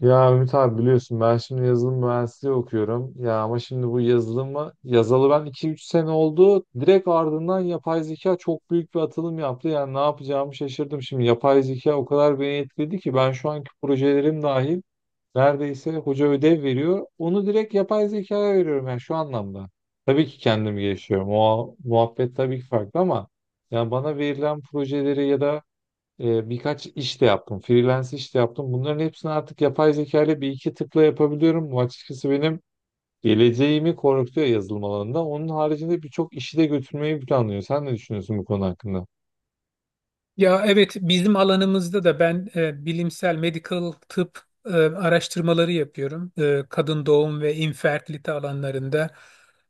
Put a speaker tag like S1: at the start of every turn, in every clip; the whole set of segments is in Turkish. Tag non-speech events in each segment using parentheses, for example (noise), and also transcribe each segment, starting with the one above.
S1: Ya Ümit abi biliyorsun ben şimdi yazılım mühendisliği okuyorum. Ya ama şimdi bu yazılımı yazalı ben iki üç sene oldu. Direkt ardından yapay zeka çok büyük bir atılım yaptı. Yani ne yapacağımı şaşırdım. Şimdi yapay zeka o kadar beni etkiledi ki ben şu anki projelerim dahil neredeyse hoca ödev veriyor. Onu direkt yapay zekaya veriyorum yani şu anlamda. Tabii ki kendim gelişiyorum. O muhabbet tabii ki farklı ama yani bana verilen projeleri ya da birkaç iş de yaptım. Freelance iş de yaptım. Bunların hepsini artık yapay zeka ile bir iki tıkla yapabiliyorum. Bu açıkçası benim geleceğimi korkutuyor yazılım alanında. Onun haricinde birçok işi de götürmeyi planlıyor. Sen ne düşünüyorsun bu konu hakkında?
S2: Ya evet bizim alanımızda da ben bilimsel medical tıp araştırmaları yapıyorum. Kadın doğum ve infertilite alanlarında.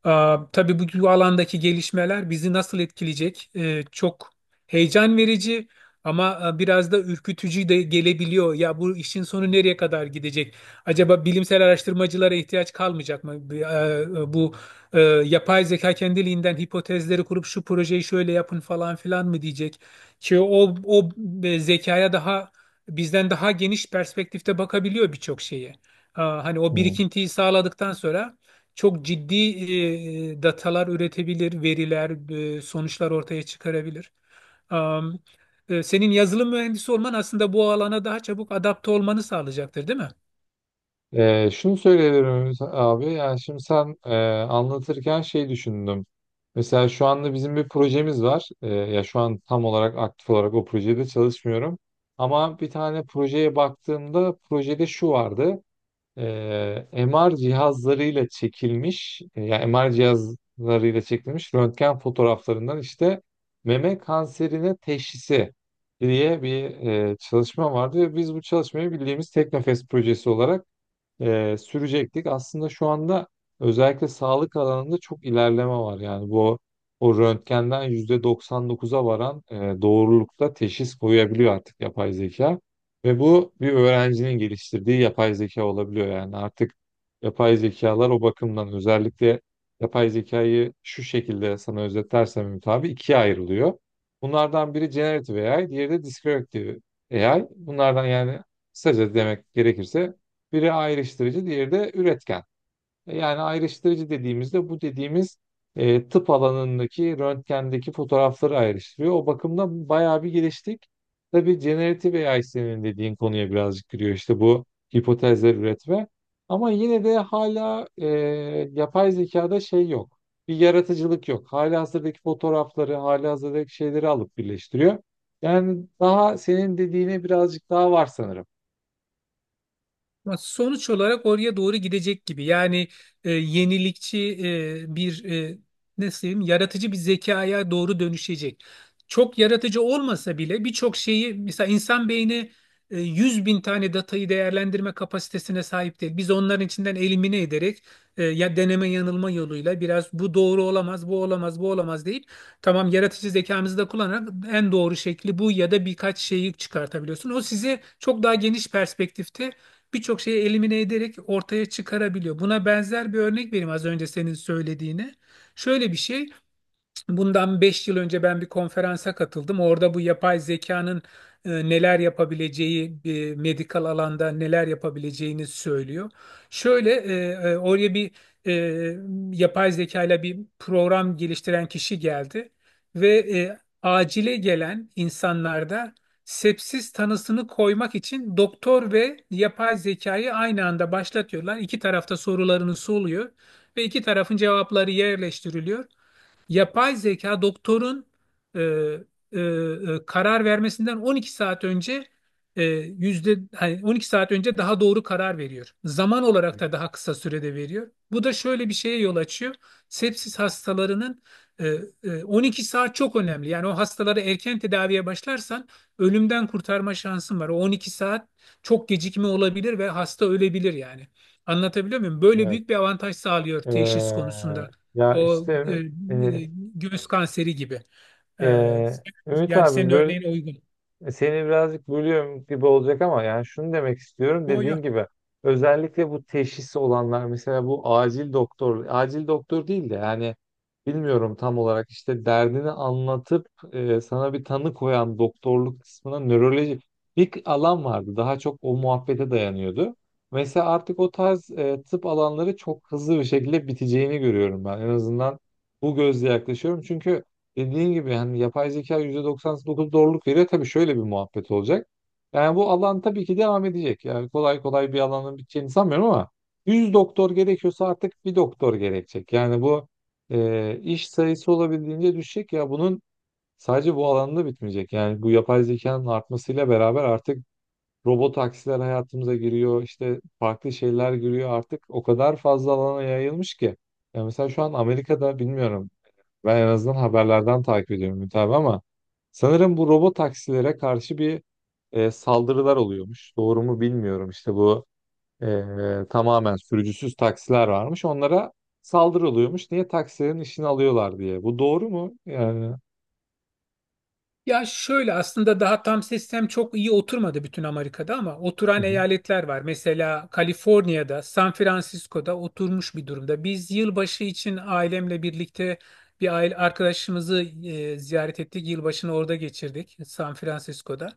S2: Tabii bu alandaki gelişmeler bizi nasıl etkileyecek? Çok heyecan verici ama biraz da ürkütücü de gelebiliyor. Ya bu işin sonu nereye kadar gidecek? Acaba bilimsel araştırmacılara ihtiyaç kalmayacak mı? Bir, e, Bu e, Yapay zeka kendiliğinden hipotezleri kurup şu projeyi şöyle yapın falan filan mı diyecek? Çünkü o zekaya bizden daha geniş perspektifte bakabiliyor birçok şeye. Hani o
S1: Hmm.
S2: birikintiyi sağladıktan sonra çok ciddi datalar üretebilir, veriler, sonuçlar ortaya çıkarabilir. Am, Senin yazılım mühendisi olman aslında bu alana daha çabuk adapte olmanı sağlayacaktır, değil mi?
S1: Şunu söyleyebilirim abi. Yani şimdi sen anlatırken şey düşündüm. Mesela şu anda bizim bir projemiz var. Ya şu an tam olarak aktif olarak o projede çalışmıyorum. Ama bir tane projeye baktığımda projede şu vardı. MR cihazlarıyla çekilmiş, yani MR cihazlarıyla çekilmiş röntgen fotoğraflarından işte meme kanserine teşhisi diye bir çalışma vardı. Ve biz bu çalışmayı bildiğimiz Teknofest projesi olarak sürecektik. Aslında şu anda özellikle sağlık alanında çok ilerleme var. Yani bu o röntgenden %99'a varan doğrulukta teşhis koyabiliyor artık yapay zeka. Ve bu bir öğrencinin geliştirdiği yapay zeka olabiliyor. Yani artık yapay zekalar o bakımdan özellikle yapay zekayı şu şekilde sana özetlersem Ümit abi ikiye ayrılıyor. Bunlardan biri generative AI, diğeri de descriptive AI. Bunlardan yani kısaca demek gerekirse biri ayrıştırıcı, diğeri de üretken. Yani ayrıştırıcı dediğimizde bu dediğimiz tıp alanındaki röntgendeki fotoğrafları ayrıştırıyor. O bakımdan bayağı bir geliştik. Tabii generative AI senin dediğin konuya birazcık giriyor işte bu hipotezler üretme. Ama yine de hala yapay zekada şey yok. Bir yaratıcılık yok. Halihazırdaki fotoğrafları, halihazırdaki şeyleri alıp birleştiriyor. Yani daha senin dediğine birazcık daha var sanırım.
S2: Ama sonuç olarak oraya doğru gidecek gibi. Yani e, yenilikçi e, bir e, nasıl diyeyim, yaratıcı bir zekaya doğru dönüşecek. Çok yaratıcı olmasa bile birçok şeyi mesela insan beyni 100 bin tane datayı değerlendirme kapasitesine sahip değil. Biz onların içinden elimine ederek ya deneme yanılma yoluyla biraz bu doğru olamaz, bu olamaz, bu olamaz deyip tamam yaratıcı zekamızı da kullanarak en doğru şekli bu ya da birkaç şeyi çıkartabiliyorsun. O sizi çok daha geniş perspektifte birçok şeyi elimine ederek ortaya çıkarabiliyor. Buna benzer bir örnek vereyim az önce senin söylediğine. Şöyle bir şey. Bundan 5 yıl önce ben bir konferansa katıldım. Orada bu yapay zekanın neler yapabileceği, medikal alanda neler yapabileceğini söylüyor. Şöyle e, Oraya bir e, yapay zekayla bir program geliştiren kişi geldi ve acile gelen insanlarda sepsis tanısını koymak için doktor ve yapay zekayı aynı anda başlatıyorlar. İki tarafta sorularını soruluyor ve iki tarafın cevapları yerleştiriliyor. Yapay zeka doktorun e, karar vermesinden 12 saat önce e, yüzde hani 12 saat önce daha doğru karar veriyor. Zaman olarak da daha kısa sürede veriyor. Bu da şöyle bir şeye yol açıyor. Sepsis hastalarının e, 12 saat çok önemli. Yani o hastaları erken tedaviye başlarsan ölümden kurtarma şansın var. O 12 saat çok gecikme olabilir ve hasta ölebilir yani. Anlatabiliyor muyum? Böyle
S1: Evet.
S2: büyük bir avantaj sağlıyor teşhis
S1: Ee,
S2: konusunda.
S1: Ya
S2: O e,
S1: işte
S2: e,
S1: e,
S2: Göğüs kanseri gibi. E,
S1: Ümit
S2: Yani
S1: abi
S2: senin
S1: böyle.
S2: örneğin uygun.
S1: Seni birazcık bölüyorum gibi olacak ama yani şunu demek istiyorum,
S2: Yo, yo.
S1: dediğin gibi özellikle bu teşhis olanlar, mesela bu acil doktor, acil doktor değil de yani bilmiyorum tam olarak işte derdini anlatıp sana bir tanı koyan doktorluk kısmına nöroloji bir alan vardı, daha çok o muhabbete dayanıyordu. Mesela artık o tarz tıp alanları çok hızlı bir şekilde biteceğini görüyorum ben, en azından bu gözle yaklaşıyorum çünkü dediğin gibi hani yapay zeka %99 doğruluk veriyor. Tabii şöyle bir muhabbet olacak. Yani bu alan tabii ki devam edecek. Yani kolay kolay bir alanın biteceğini sanmıyorum ama 100 doktor gerekiyorsa artık bir doktor gerekecek. Yani bu iş sayısı olabildiğince düşecek ya, bunun sadece bu alanda bitmeyecek. Yani bu yapay zekanın artmasıyla beraber artık robot taksiler hayatımıza giriyor. İşte farklı şeyler giriyor. Artık o kadar fazla alana yayılmış ki. Ya mesela şu an Amerika'da bilmiyorum, ben en azından haberlerden takip ediyorum Ümit abi ama sanırım bu robot taksilere karşı bir saldırılar oluyormuş. Doğru mu bilmiyorum. İşte bu tamamen sürücüsüz taksiler varmış. Onlara saldırı oluyormuş. Niye taksilerin işini alıyorlar diye. Bu doğru mu? Yani.
S2: Ya şöyle aslında daha tam sistem çok iyi oturmadı bütün Amerika'da ama
S1: Hı
S2: oturan
S1: hı.
S2: eyaletler var. Mesela Kaliforniya'da, San Francisco'da oturmuş bir durumda. Biz yılbaşı için ailemle birlikte bir aile arkadaşımızı ziyaret ettik. Yılbaşını orada geçirdik, San Francisco'da.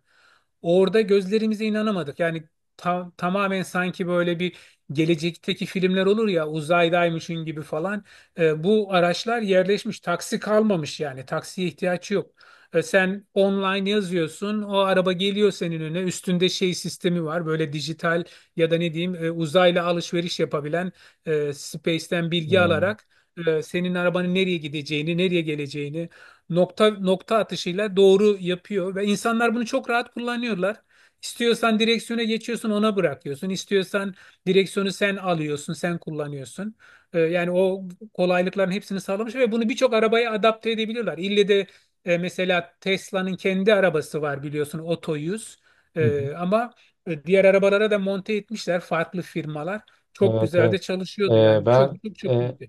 S2: Orada gözlerimize inanamadık. Yani tamamen sanki böyle bir gelecekteki filmler olur ya uzaydaymışın gibi falan. Bu araçlar yerleşmiş, taksi kalmamış yani taksiye ihtiyaç yok. Sen online yazıyorsun, o araba geliyor senin önüne. Üstünde şey sistemi var, böyle dijital ya da ne diyeyim uzayla alışveriş yapabilen Space'ten bilgi
S1: Hı
S2: alarak senin arabanın nereye gideceğini, nereye geleceğini nokta nokta atışıyla doğru yapıyor ve insanlar bunu çok rahat kullanıyorlar. İstiyorsan direksiyona geçiyorsun, ona bırakıyorsun. İstiyorsan direksiyonu sen alıyorsun, sen kullanıyorsun. Yani o kolaylıkların hepsini sağlamış ve bunu birçok arabaya adapte edebiliyorlar. İlle de mesela Tesla'nın kendi arabası var biliyorsun Otto 100.
S1: hı.
S2: E, ama Diğer arabalara da monte etmişler farklı firmalar. Çok
S1: Evet,
S2: güzel de
S1: evet.
S2: çalışıyordu
S1: E,
S2: yani
S1: ben
S2: çok çok çok
S1: e,
S2: iyiydi.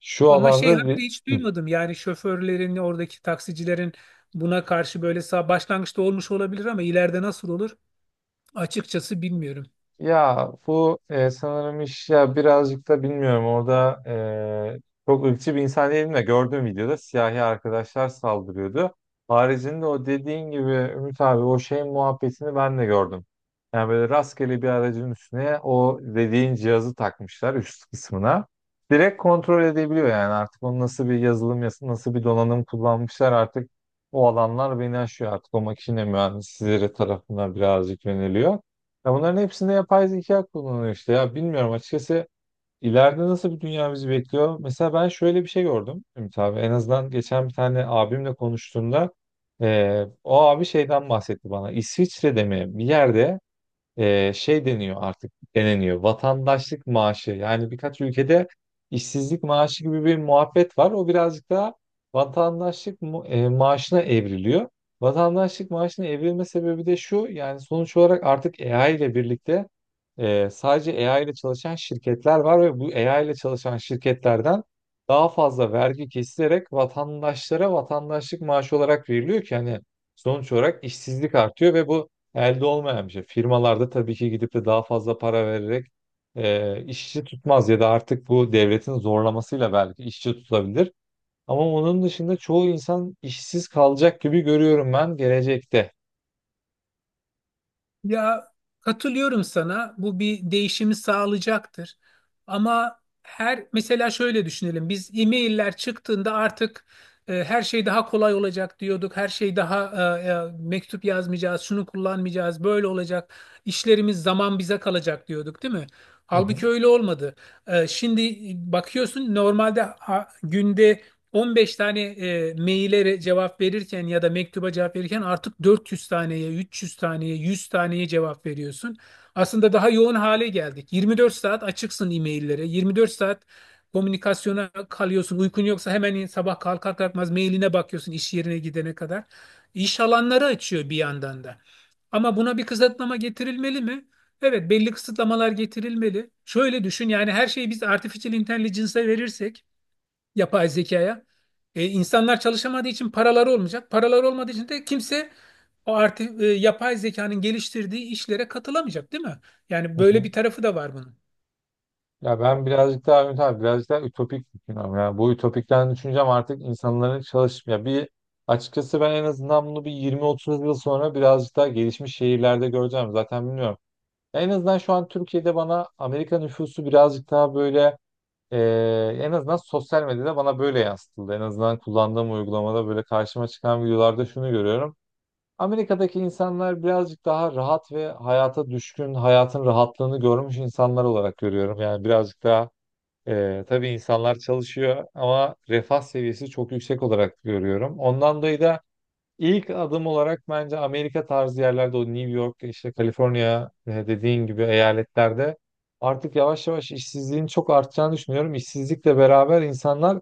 S1: şu
S2: Ama şey
S1: alanda li-
S2: haberi hiç
S1: Hı.
S2: duymadım yani şoförlerin oradaki taksicilerin buna karşı böyle sağ başlangıçta olmuş olabilir ama ileride nasıl olur açıkçası bilmiyorum.
S1: Ya bu sanırım iş, ya birazcık da bilmiyorum orada e, çok ırkçı bir insan değilim de gördüğüm videoda siyahi arkadaşlar saldırıyordu. Haricinde o dediğin gibi Ümit abi, o şeyin muhabbetini ben de gördüm. Yani böyle rastgele bir aracın üstüne o dediğin cihazı takmışlar üst kısmına. Direkt kontrol edebiliyor yani, artık onu nasıl bir yazılım, nasıl bir donanım kullanmışlar artık o alanlar beni aşıyor, artık o makine mühendisleri tarafından birazcık yöneliyor. Ya bunların hepsinde yapay zeka kullanılıyor işte. Ya bilmiyorum açıkçası ileride nasıl bir dünya bizi bekliyor. Mesela ben şöyle bir şey gördüm Ümit abi. En azından geçen bir tane abimle konuştuğumda o abi şeyden bahsetti bana. İsviçre'de mi bir yerde şey deniyor, artık deneniyor. Vatandaşlık maaşı. Yani birkaç ülkede işsizlik maaşı gibi bir muhabbet var. O birazcık daha vatandaşlık maaşına evriliyor. Vatandaşlık maaşına evrilme sebebi de şu. Yani sonuç olarak artık AI ile birlikte sadece AI ile çalışan şirketler var ve bu AI ile çalışan şirketlerden daha fazla vergi kesilerek vatandaşlara vatandaşlık maaşı olarak veriliyor ki hani sonuç olarak işsizlik artıyor ve bu elde olmayan bir şey. Firmalarda tabii ki gidip de daha fazla para vererek işçi tutmaz ya da artık bu devletin zorlamasıyla belki işçi tutabilir. Ama onun dışında çoğu insan işsiz kalacak gibi görüyorum ben gelecekte.
S2: Ya katılıyorum sana. Bu bir değişimi sağlayacaktır. Ama her mesela şöyle düşünelim. Biz e-mailler çıktığında artık her şey daha kolay olacak diyorduk. Her şey daha mektup yazmayacağız, şunu kullanmayacağız, böyle olacak. İşlerimiz zaman bize kalacak diyorduk, değil mi?
S1: Hı hı,
S2: Halbuki öyle olmadı. Şimdi bakıyorsun normalde günde 15 tane maillere cevap verirken ya da mektuba cevap verirken artık 400 taneye, 300 taneye, 100 taneye cevap veriyorsun. Aslında daha yoğun hale geldik. 24 saat açıksın e-maillere. 24 saat komünikasyona kalıyorsun. Uykun yoksa hemen sabah kalkar kalkmaz mailine bakıyorsun iş yerine gidene kadar. İş alanları açıyor bir yandan da. Ama buna bir kısıtlama getirilmeli mi? Evet, belli kısıtlamalar getirilmeli. Şöyle düşün yani her şeyi biz artificial intelligence'a verirsek yapay zekaya. İnsanlar çalışamadığı için paraları olmayacak. Paraları olmadığı için de kimse o artık yapay zekanın geliştirdiği işlere katılamayacak, değil mi? Yani
S1: hı
S2: böyle
S1: hı.
S2: bir tarafı da var bunun.
S1: Ya ben birazcık daha Ümit abi birazcık daha ütopik düşünüyorum. Yani bu ütopikten düşüncem artık insanların çalışmaya bir, açıkçası ben en azından bunu bir 20-30 yıl sonra birazcık daha gelişmiş şehirlerde göreceğim. Zaten bilmiyorum. Ya, en azından şu an Türkiye'de bana Amerika nüfusu birazcık daha böyle, e, en azından sosyal medyada bana böyle yansıtıldı. En azından kullandığım uygulamada böyle karşıma çıkan videolarda şunu görüyorum. Amerika'daki insanlar birazcık daha rahat ve hayata düşkün, hayatın rahatlığını görmüş insanlar olarak görüyorum. Yani birazcık daha tabii insanlar çalışıyor ama refah seviyesi çok yüksek olarak görüyorum. Ondan dolayı da İlk adım olarak bence Amerika tarzı yerlerde, o New York, işte Kaliforniya dediğin gibi eyaletlerde artık yavaş yavaş işsizliğin çok artacağını düşünüyorum. İşsizlikle beraber insanlar,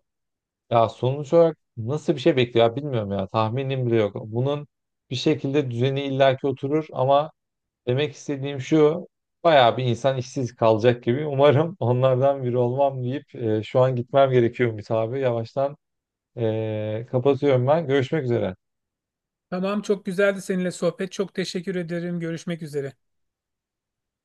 S1: ya sonuç olarak nasıl bir şey bekliyor, ya bilmiyorum, ya tahminim bile yok. Bunun bir şekilde düzeni illaki oturur ama demek istediğim şu, bayağı bir insan işsiz kalacak gibi. (laughs) Umarım onlardan biri olmam deyip şu an gitmem gerekiyormuş abi. Yavaştan kapatıyorum ben. Görüşmek üzere.
S2: Tamam, çok güzeldi seninle sohbet. Çok teşekkür ederim. Görüşmek üzere.